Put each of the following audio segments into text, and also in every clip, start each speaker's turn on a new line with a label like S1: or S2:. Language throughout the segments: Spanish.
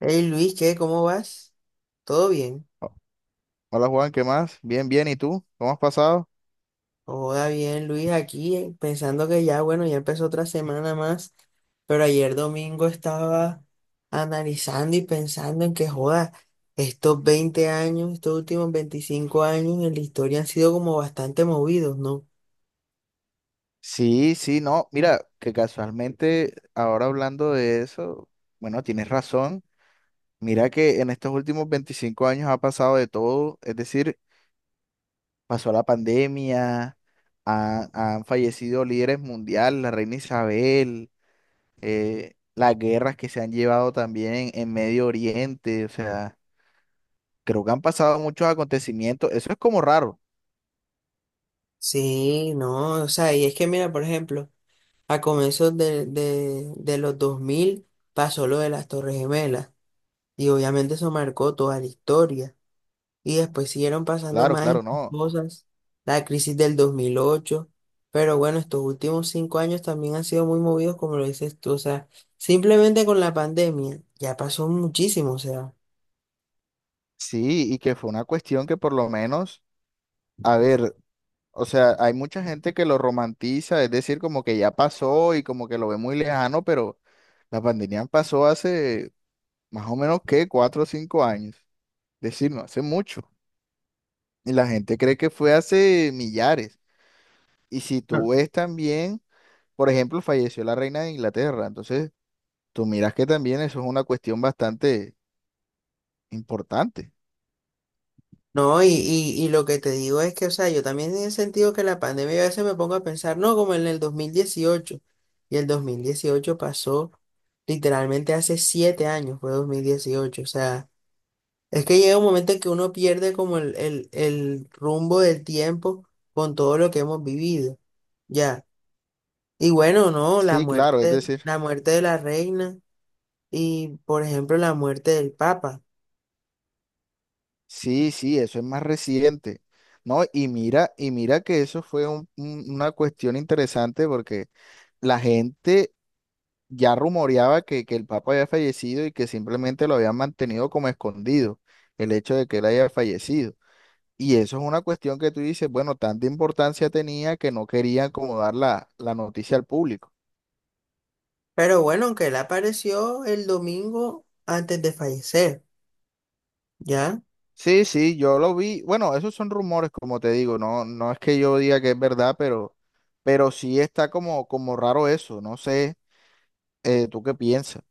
S1: Hey Luis, ¿qué? ¿Cómo vas? ¿Todo bien?
S2: Oh, hola Juan, ¿qué más? Bien, bien, ¿y tú? ¿Cómo has pasado?
S1: Hola, bien, Luis, aquí pensando que ya, bueno, ya empezó otra semana más, pero ayer domingo estaba analizando y pensando en que, joda, estos 20 años, estos últimos 25 años en la historia han sido como bastante movidos, ¿no?
S2: Sí, sí, no, mira, que casualmente ahora hablando de eso, bueno, tienes razón. Mira que en estos últimos 25 años ha pasado de todo, es decir, pasó la pandemia, han fallecido líderes mundiales, la reina Isabel, las guerras que se han llevado también en Medio Oriente, o sea, creo que han pasado muchos acontecimientos, eso es como raro.
S1: Sí, no, o sea, y es que mira, por ejemplo, a comienzos de, los 2000 pasó lo de las Torres Gemelas y obviamente eso marcó toda la historia. Y después siguieron pasando
S2: Claro,
S1: más y
S2: claro,
S1: más
S2: no.
S1: cosas, la crisis del 2008, pero bueno, estos últimos 5 años también han sido muy movidos, como lo dices tú, o sea, simplemente con la pandemia ya pasó muchísimo, o sea.
S2: Sí, y que fue una cuestión que por lo menos, a ver, o sea, hay mucha gente que lo romantiza, es decir, como que ya pasó y como que lo ve muy lejano, pero la pandemia pasó hace más o menos, ¿qué? Cuatro o cinco años. Es decir, no hace mucho. Y la gente cree que fue hace millares. Y si
S1: Mm.
S2: tú ves también, por ejemplo, falleció la reina de Inglaterra, entonces tú miras que también eso es una cuestión bastante importante.
S1: No, y lo que te digo es que, o sea, yo también en sentido que la pandemia a veces me pongo a pensar, no, como en el 2018, y el 2018 pasó literalmente hace 7 años, fue 2018, o sea. Es que llega un momento en que uno pierde como el rumbo del tiempo con todo lo que hemos vivido, ya. Y bueno, no,
S2: Sí, claro, es decir.
S1: la muerte de la reina y, por ejemplo, la muerte del papa.
S2: Sí, sí, eso es más reciente, ¿no? Y mira que eso fue una cuestión interesante porque la gente ya rumoreaba que el Papa había fallecido y que simplemente lo habían mantenido como escondido, el hecho de que él haya fallecido. Y eso es una cuestión que tú dices, bueno, tanta importancia tenía que no querían como dar la noticia al público.
S1: Pero bueno, aunque él apareció el domingo antes de fallecer, ya.
S2: Sí, sí, yo lo vi. Bueno, esos son rumores, como te digo, no, no es que yo diga que es verdad, pero sí está como, como raro eso. No sé, ¿tú qué piensas?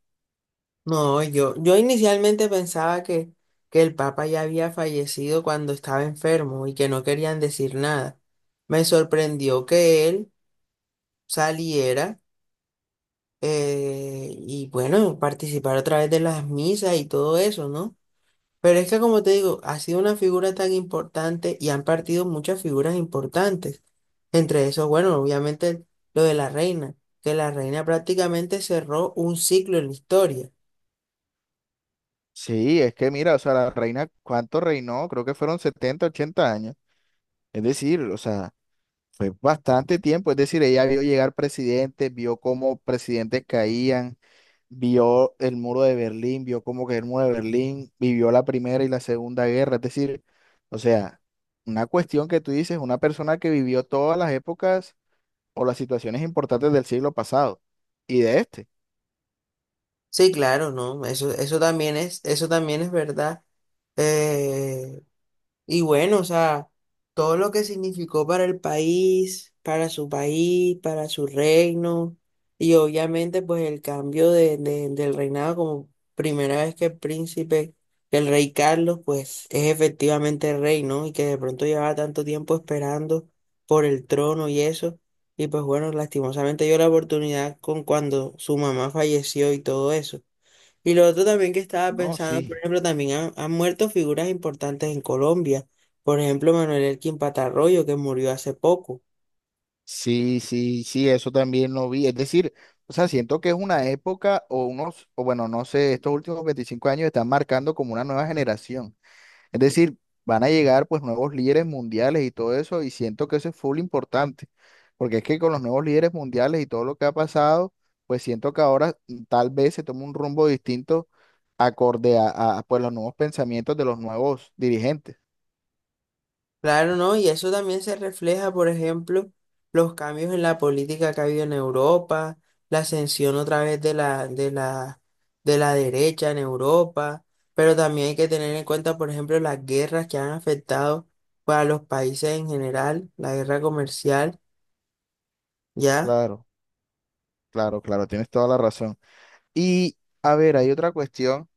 S1: No, yo inicialmente pensaba que el papa ya había fallecido cuando estaba enfermo y que no querían decir nada. Me sorprendió que él saliera, y bueno, participar a través de las misas y todo eso, ¿no? Pero es que como te digo, ha sido una figura tan importante y han partido muchas figuras importantes. Entre esos, bueno, obviamente lo de la reina, que la reina prácticamente cerró un ciclo en la historia.
S2: Sí, es que mira, o sea, la reina, ¿cuánto reinó? Creo que fueron 70, 80 años. Es decir, o sea, fue bastante tiempo, es decir, ella vio llegar presidentes, vio cómo presidentes caían, vio el muro de Berlín, vio cómo cayó el muro de Berlín, vivió la primera y la segunda guerra, es decir, o sea, una cuestión que tú dices, una persona que vivió todas las épocas o las situaciones importantes del siglo pasado y de este.
S1: Sí, claro, ¿no? Eso, eso también es verdad. Eh, Y bueno, o sea, todo lo que significó para el país, para su reino, y obviamente pues el cambio del reinado como primera vez que el rey Carlos, pues es efectivamente rey, ¿no? Y que de pronto llevaba tanto tiempo esperando por el trono y eso. Y pues bueno, lastimosamente dio la oportunidad con cuando su mamá falleció y todo eso. Y lo otro también que estaba
S2: No,
S1: pensando, por
S2: sí,
S1: ejemplo, también han muerto figuras importantes en Colombia. Por ejemplo, Manuel Elkin Patarroyo, que murió hace poco.
S2: sí, sí, sí, eso también lo vi, es decir, o sea, siento que es una época o unos, o bueno, no sé, estos últimos 25 años están marcando como una nueva generación. Es decir, van a llegar pues nuevos líderes mundiales y todo eso, y siento que eso es full importante, porque es que con los nuevos líderes mundiales y todo lo que ha pasado, pues siento que ahora tal vez se toma un rumbo distinto acorde pues los nuevos pensamientos de los nuevos dirigentes.
S1: Claro, ¿no? Y eso también se refleja, por ejemplo, los cambios en la política que ha habido en Europa, la ascensión otra vez de la derecha en Europa. Pero también hay que tener en cuenta, por ejemplo, las guerras que han afectado para los países en general, la guerra comercial, ¿ya?
S2: Claro, claro, claro, tienes toda la razón. Y a ver, hay otra cuestión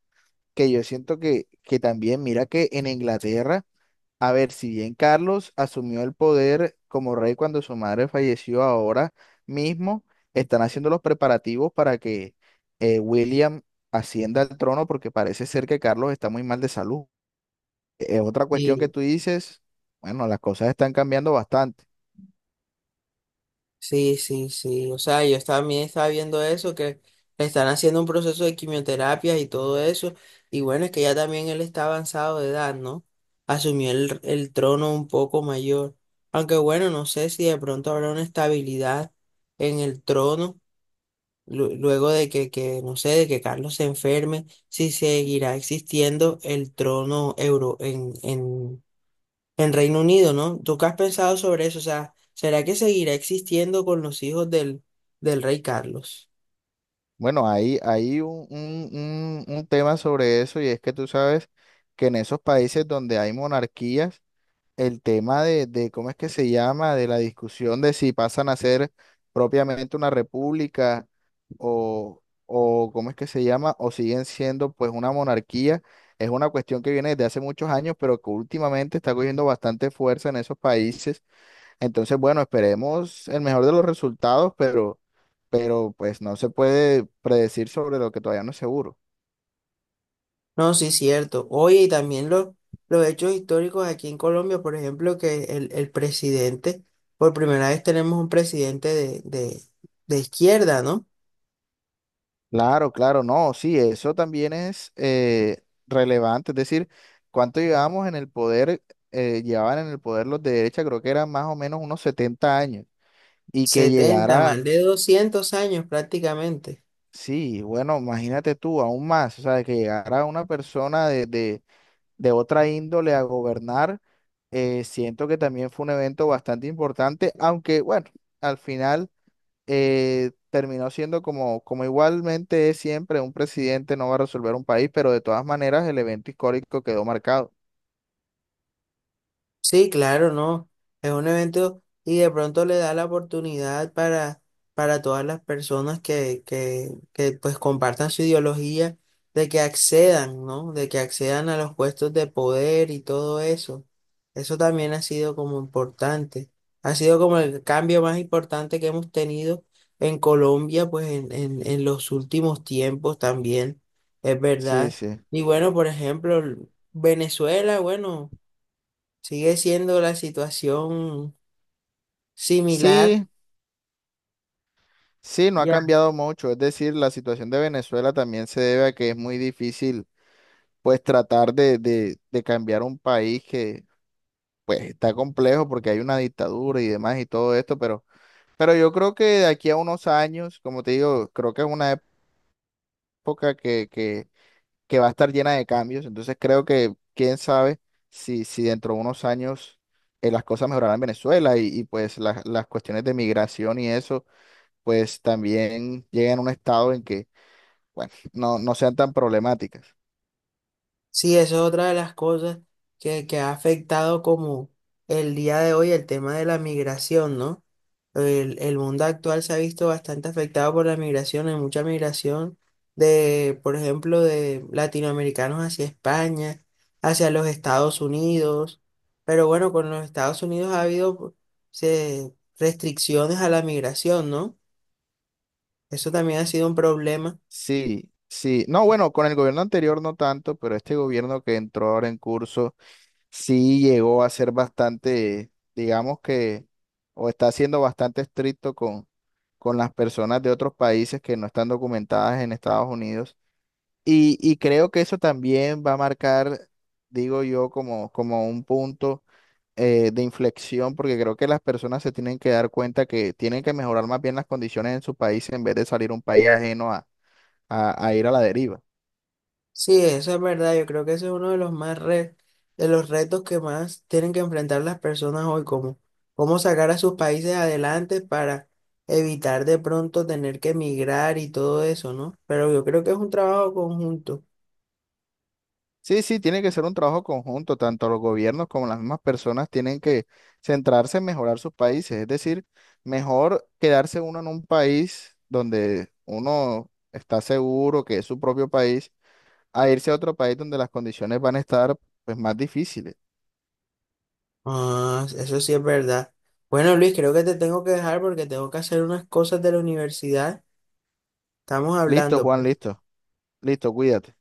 S2: que yo siento que también, mira que en Inglaterra, a ver, si bien Carlos asumió el poder como rey cuando su madre falleció, ahora mismo están haciendo los preparativos para que William ascienda al trono porque parece ser que Carlos está muy mal de salud. Es otra cuestión que
S1: Sí.
S2: tú dices, bueno, las cosas están cambiando bastante.
S1: Sí, sí, sí. O sea, yo también estaba viendo eso, que le están haciendo un proceso de quimioterapia y todo eso. Y bueno, es que ya también él está avanzado de edad, ¿no? Asumió el trono un poco mayor. Aunque bueno, no sé si de pronto habrá una estabilidad en el trono, luego de que, no sé, de que Carlos se enferme, si seguirá existiendo el trono euro en, en Reino Unido, ¿no? ¿Tú qué has pensado sobre eso? O sea, ¿será que seguirá existiendo con los hijos del rey Carlos?
S2: Bueno, hay un, un tema sobre eso y es que tú sabes que en esos países donde hay monarquías, el tema ¿cómo es que se llama? De la discusión de si pasan a ser propiamente una república o ¿cómo es que se llama? O siguen siendo pues una monarquía. Es una cuestión que viene desde hace muchos años, pero que últimamente está cogiendo bastante fuerza en esos países. Entonces, bueno, esperemos el mejor de los resultados, pero pues no se puede predecir sobre lo que todavía no es seguro.
S1: No, sí, cierto. Oye, y también los hechos históricos aquí en Colombia, por ejemplo, que el presidente, por primera vez tenemos un presidente de izquierda, ¿no?
S2: Claro, claro, no, sí, eso también es relevante, es decir, cuánto llevábamos en el poder, llevaban en el poder los de derecha, creo que eran más o menos unos 70 años, y que
S1: Setenta,
S2: llegara,
S1: más de 200 años prácticamente.
S2: sí, bueno, imagínate tú, aún más, o sea, que llegara una persona de otra índole a gobernar, siento que también fue un evento bastante importante, aunque bueno, al final terminó siendo como, como igualmente es siempre, un presidente no va a resolver un país, pero de todas maneras el evento histórico quedó marcado.
S1: Sí, claro, no. Es un evento y de pronto le da la oportunidad para todas las personas que, que pues compartan su ideología de que accedan, ¿no? De que accedan a los puestos de poder y todo eso. Eso también ha sido como importante. Ha sido como el cambio más importante que hemos tenido en Colombia, pues en los últimos tiempos también, es
S2: Sí,
S1: verdad.
S2: sí.
S1: Y bueno, por ejemplo, Venezuela, bueno. Sigue siendo la situación similar.
S2: Sí, sí, no ha
S1: Ya.
S2: cambiado mucho. Es decir, la situación de Venezuela también se debe a que es muy difícil, pues, tratar de cambiar un país que, pues, está complejo porque hay una dictadura y demás y todo esto, pero yo creo que de aquí a unos años, como te digo, creo que es una época que, que va a estar llena de cambios. Entonces creo que quién sabe si, si dentro de unos años las cosas mejorarán en Venezuela y, pues las cuestiones de migración y eso, pues también lleguen a un estado en que, bueno, no, no sean tan problemáticas.
S1: Sí, eso es otra de las cosas que ha afectado como el día de hoy el tema de la migración, ¿no? El mundo actual se ha visto bastante afectado por la migración, hay mucha migración de, por ejemplo, de latinoamericanos hacia España, hacia los Estados Unidos, pero bueno, con los Estados Unidos ha habido restricciones a la migración, ¿no? Eso también ha sido un problema.
S2: Sí, sí. No, bueno, con el gobierno anterior no tanto, pero este gobierno que entró ahora en curso sí llegó a ser bastante, digamos que, o está siendo bastante estricto con las personas de otros países que no están documentadas en Estados Unidos. Y creo que eso también va a marcar, digo yo, como, como un punto de inflexión, porque creo que las personas se tienen que dar cuenta que tienen que mejorar más bien las condiciones en su país en vez de salir a un país ajeno a, a ir a la deriva.
S1: Sí, eso es verdad. Yo creo que ese es uno de los más de los retos que más tienen que enfrentar las personas hoy, como cómo sacar a sus países adelante para evitar de pronto tener que emigrar y todo eso, ¿no? Pero yo creo que es un trabajo conjunto.
S2: Sí, sí, tiene que ser un trabajo conjunto, tanto los gobiernos como las mismas personas tienen que centrarse en mejorar sus países, es decir, mejor quedarse uno en un país donde uno está seguro que es su propio país, a irse a otro país donde las condiciones van a estar pues más difíciles.
S1: Ah, eso sí es verdad. Bueno, Luis, creo que te tengo que dejar porque tengo que hacer unas cosas de la universidad. Estamos
S2: Listo,
S1: hablando,
S2: Juan,
S1: pues.
S2: listo, listo, cuídate.